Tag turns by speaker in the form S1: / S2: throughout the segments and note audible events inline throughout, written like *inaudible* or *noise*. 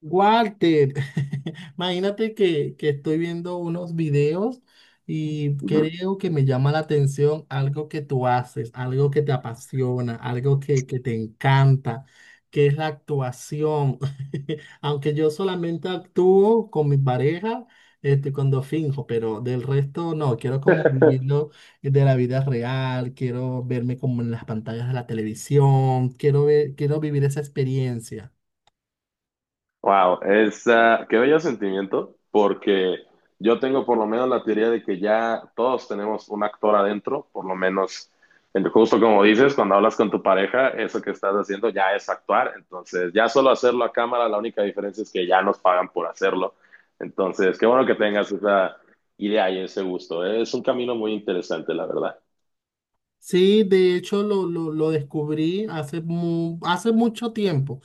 S1: Walter, *laughs* imagínate que estoy viendo unos videos y
S2: Ujú.
S1: creo que me llama la atención algo que tú haces, algo que te apasiona, algo que te encanta, que es la actuación. *laughs* Aunque yo solamente actúo con mi pareja, cuando finjo, pero del resto no, quiero como
S2: *laughs*
S1: vivirlo de la vida real, quiero verme como en las pantallas de la televisión, quiero ver, quiero vivir esa experiencia.
S2: Wow, es, qué bello sentimiento, porque yo tengo por lo menos la teoría de que ya todos tenemos un actor adentro, por lo menos, justo como dices, cuando hablas con tu pareja, eso que estás haciendo ya es actuar, entonces ya solo hacerlo a cámara, la única diferencia es que ya nos pagan por hacerlo, entonces qué bueno que tengas esa idea y ese gusto, ¿eh? Es un camino muy interesante, la verdad.
S1: Sí, de hecho lo descubrí hace, hace mucho tiempo,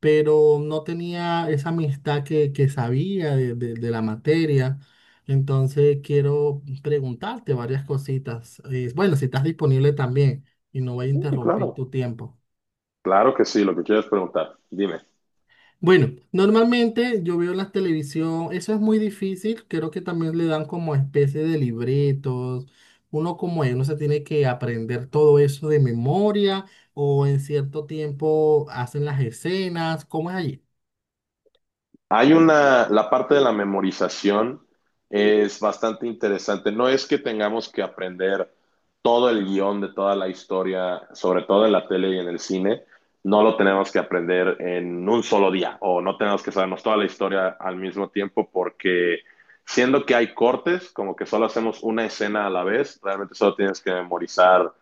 S1: pero no tenía esa amistad que sabía de, de la materia. Entonces quiero preguntarte varias cositas. Bueno, si estás disponible también y no voy a
S2: Sí,
S1: interrumpir
S2: claro,
S1: tu tiempo.
S2: claro que sí, lo que quieres preguntar, dime.
S1: Bueno, normalmente yo veo la televisión, eso es muy difícil, creo que también le dan como especie de libretos, uno como él, uno se tiene que aprender todo eso de memoria o en cierto tiempo hacen las escenas, ¿cómo es allí?
S2: Hay una, la parte de la memorización es bastante interesante. No es que tengamos que aprender todo el guión de toda la historia, sobre todo en la tele y en el cine, no lo tenemos que aprender en un solo día o no tenemos que sabernos toda la historia al mismo tiempo porque siendo que hay cortes, como que solo hacemos una escena a la vez, realmente solo tienes que memorizar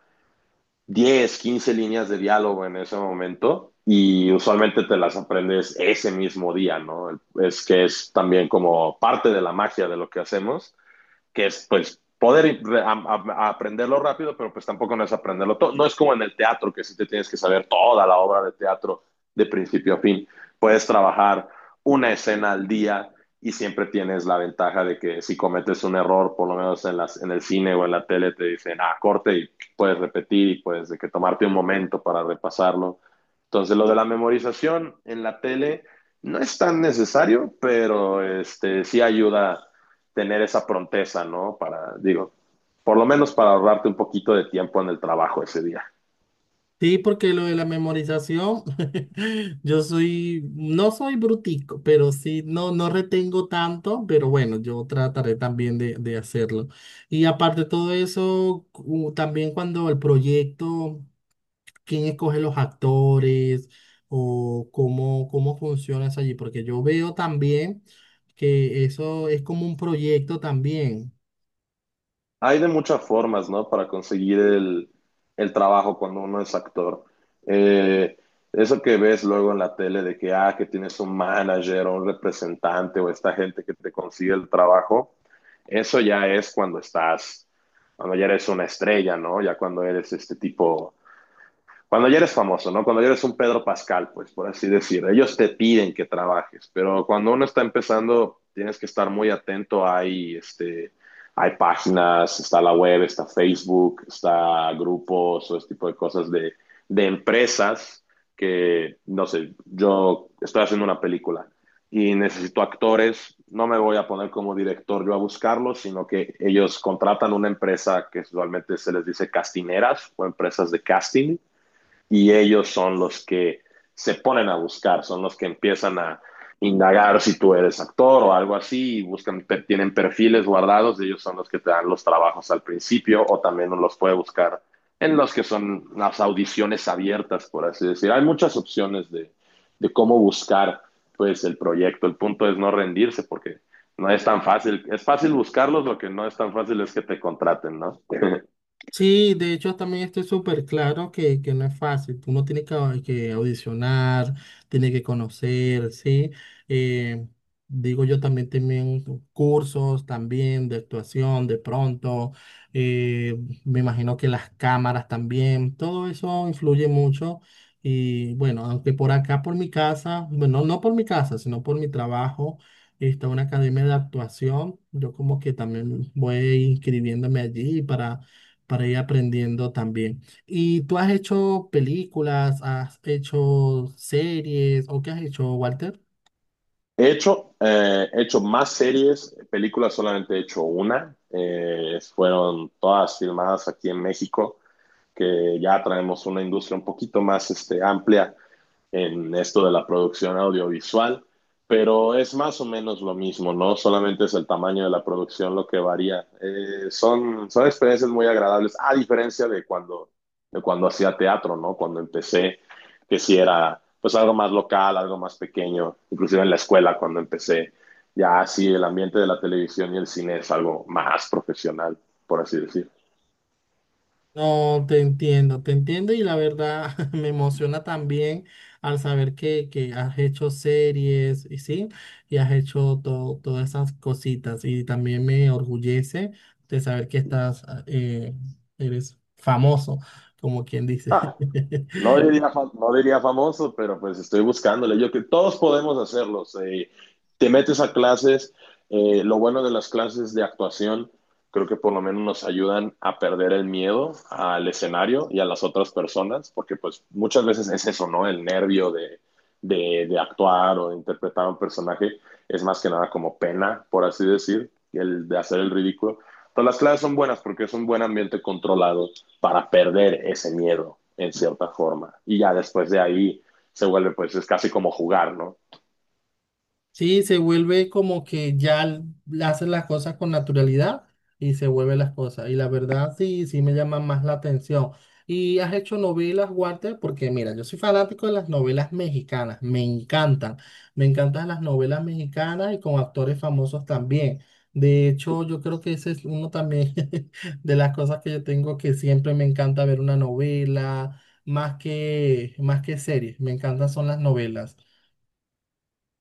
S2: 10 15 líneas de diálogo en ese momento y usualmente te las aprendes ese mismo día, ¿no? Es que es también como parte de la magia de lo que hacemos que es pues poder a aprenderlo rápido, pero pues tampoco no es aprenderlo todo. No es como en el teatro, que sí te tienes que saber toda la obra de teatro de principio a fin. Puedes trabajar una escena al día y siempre tienes la ventaja de que si cometes un error, por lo menos en el cine o en la tele, te dicen, ah, corte y puedes repetir y puedes de que tomarte un momento para repasarlo. Entonces, lo de la memorización en la tele no es tan necesario, pero este, sí ayuda tener esa pronteza, ¿no? Para, digo, por lo menos para ahorrarte un poquito de tiempo en el trabajo ese día.
S1: Sí, porque lo de la memorización, *laughs* yo soy, no soy brutico, pero sí, no, no retengo tanto, pero bueno, yo trataré también de hacerlo. Y aparte de todo eso, también cuando el proyecto... quién escoge los actores o cómo, cómo funciona eso allí, porque yo veo también que eso es como un proyecto también.
S2: Hay de muchas formas, ¿no? Para conseguir el trabajo cuando uno es actor. Eh, eso que ves luego en la tele de que, ah, que tienes un manager o un representante o esta gente que te consigue el trabajo, eso ya es cuando estás, cuando ya eres una estrella, ¿no? Ya cuando eres este tipo cuando ya eres famoso, ¿no? Cuando ya eres un Pedro Pascal, pues por así decir, ellos te piden que trabajes, pero cuando uno está empezando, tienes que estar muy atento. Hay, hay páginas, está la web, está Facebook, está grupos o este tipo de cosas de empresas que, no sé, yo estoy haciendo una película y necesito actores, no me voy a poner como director yo a buscarlos, sino que ellos contratan una empresa que usualmente se les dice castineras o empresas de casting y ellos son los que se ponen a buscar, son los que empiezan a indagar si tú eres actor o algo así, y buscan, tienen perfiles guardados, y ellos son los que te dan los trabajos al principio o también uno los puede buscar en los que son las audiciones abiertas, por así decir. Hay muchas opciones de cómo buscar pues el proyecto. El punto es no rendirse porque no es tan fácil. Es fácil buscarlos, lo que no es tan fácil es que te contraten, ¿no?
S1: Sí, de hecho también estoy súper claro que no es fácil. Uno tiene que, que audicionar, tiene que conocer, ¿sí? Eh, Digo yo también cursos también de actuación de pronto. eh, Me imagino que las cámaras también, todo eso influye mucho. Y bueno, aunque por acá, por mi casa, bueno, no por mi casa, sino por mi trabajo, está una academia de actuación. Yo como que también voy inscribiéndome allí para ir aprendiendo también. ¿Y tú has hecho películas, has hecho series o qué has hecho, Walter?
S2: He hecho más series, películas solamente he hecho una. Fueron todas filmadas aquí en México, que ya traemos una industria un poquito más este, amplia en esto de la producción audiovisual, pero es más o menos lo mismo, ¿no? Solamente es el tamaño de la producción lo que varía. Son, son experiencias muy agradables, a diferencia de cuando hacía teatro, ¿no? Cuando empecé, que si sí era pues algo más local, algo más pequeño, inclusive en la escuela cuando empecé, ya así el ambiente de la televisión y el cine es algo más profesional, por así decir.
S1: No, te entiendo y la verdad *laughs* me emociona también al saber que has hecho series y sí, y has hecho todas esas cositas y también me orgullece de saber que estás, eres famoso, como quien dice.
S2: Ah, no
S1: *laughs*
S2: diría, no diría famoso, pero pues estoy buscándole. Yo que todos podemos hacerlos. Te metes a clases. Lo bueno de las clases de actuación, creo que por lo menos nos ayudan a perder el miedo al escenario y a las otras personas, porque pues muchas veces es eso, ¿no? El nervio de actuar o de interpretar a un personaje es más que nada como pena, por así decir, el de hacer el ridículo. Entonces las clases son buenas porque es un buen ambiente controlado para perder ese miedo en cierta forma. Y ya después de ahí se vuelve, pues es casi como jugar, ¿no?
S1: Sí, se vuelve como que ya hace las cosas con naturalidad y se vuelve las cosas. Y la verdad sí, sí me llama más la atención. ¿Y has hecho novelas, Walter? Porque mira, yo soy fanático de las novelas mexicanas, me encantan. Me encantan las novelas mexicanas y con actores famosos también. De hecho, yo creo que ese es uno también *laughs* de las cosas que yo tengo que siempre me encanta ver una novela, más que series, me encantan son las novelas.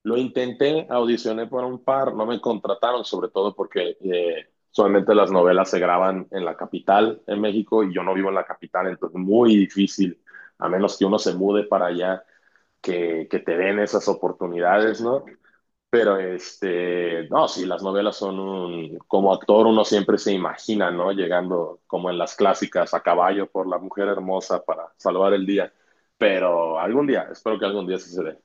S2: Lo intenté, audicioné por un par, no me contrataron, sobre todo porque solamente las novelas se graban en la capital, en México, y yo no vivo en la capital, entonces muy difícil, a menos que uno se mude para allá, que te den esas oportunidades, ¿no? Pero este, no, sí, las novelas son un, como actor uno siempre se imagina, ¿no? Llegando como en las clásicas a caballo por la mujer hermosa para salvar el día. Pero algún día, espero que algún día sí se dé.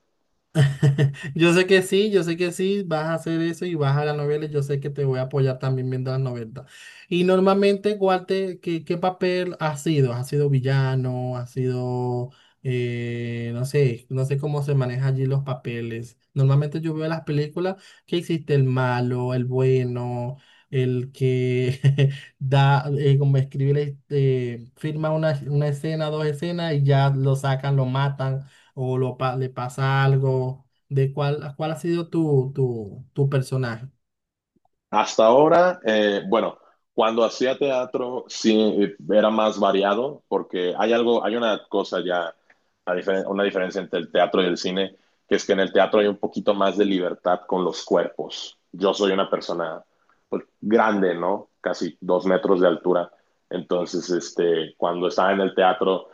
S1: *laughs* Yo sé que sí, yo sé que sí, vas a hacer eso y vas a las novelas, yo sé que te voy a apoyar también viendo las novelas. Y normalmente, ¿cuál te ¿qué, qué papel has sido? ¿Has sido villano? ¿Has sido, no sé, no sé cómo se manejan allí los papeles? Normalmente yo veo las películas que existe el malo, el bueno, el que *laughs* da, como escribe, la firma una escena, dos escenas y ya lo sacan, lo matan o le pasa algo de cuál, cuál ha sido tu, tu personaje.
S2: Hasta ahora, bueno, cuando hacía teatro sí era más variado porque hay algo, hay una cosa ya, una, una diferencia entre el teatro y el cine, que es que en el teatro hay un poquito más de libertad con los cuerpos. Yo soy una persona pues, grande, ¿no? Casi 2 metros de altura. Entonces, este, cuando estaba en el teatro,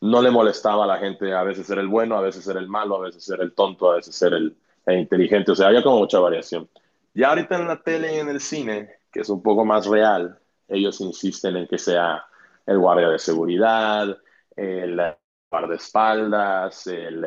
S2: no le molestaba a la gente a veces ser el bueno, a veces ser el malo, a veces ser el tonto, a veces ser el inteligente. O sea, había como mucha variación. Ya ahorita en la tele y en el cine, que es un poco más real, ellos insisten en que sea el guardia de seguridad, el guardaespaldas,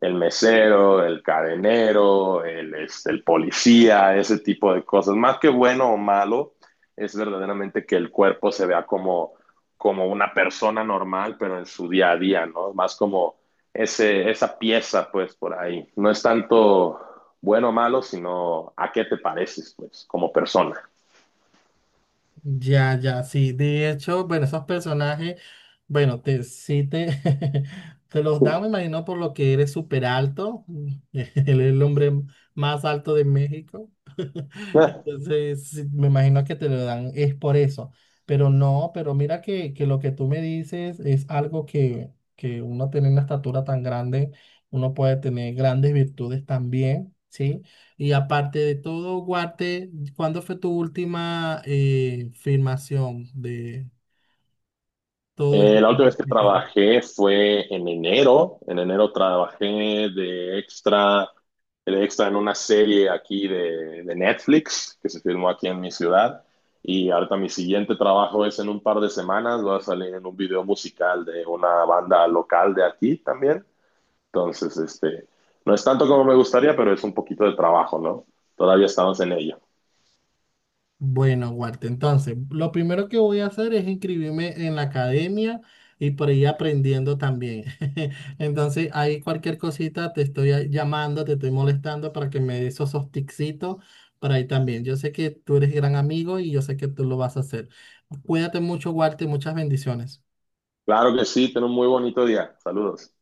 S2: el mesero, el cadenero, el, este, el policía, ese tipo de cosas. Más que bueno o malo, es verdaderamente que el cuerpo se vea como como una persona normal, pero en su día a día, ¿no? Más como ese, esa pieza, pues, por ahí. No es tanto bueno o malo, sino a qué te pareces, pues, como persona.
S1: Ya, ya, sí. De hecho, bueno, esos personajes, bueno, *laughs* te los dan, me imagino, por lo que eres súper alto. *laughs* Él es el hombre más alto de México.
S2: *laughs*
S1: Entonces, sí, me imagino que te lo dan, es por eso. Pero no, pero mira que lo que tú me dices es algo que uno tiene una estatura tan grande, uno puede tener grandes virtudes también, ¿sí? Y aparte de todo, Guarte, ¿cuándo fue tu última filmación de todo esto?
S2: La última vez que trabajé fue en enero. En enero trabajé de extra, de extra en una serie aquí de Netflix que se filmó aquí en mi ciudad. Y ahorita mi siguiente trabajo es en un par de semanas. Voy a salir en un video musical de una banda local de aquí también. Entonces, este, no es tanto como me gustaría, pero es un poquito de trabajo, ¿no? Todavía estamos en ello.
S1: Bueno, Walter, entonces, lo primero que voy a hacer es inscribirme en la academia y por ahí aprendiendo también. *laughs* Entonces, ahí cualquier cosita te estoy llamando, te estoy molestando para que me des esos tipsitos para ahí también. Yo sé que tú eres gran amigo y yo sé que tú lo vas a hacer. Cuídate mucho, Walter, muchas bendiciones.
S2: Claro que sí, ten un muy bonito día. Saludos.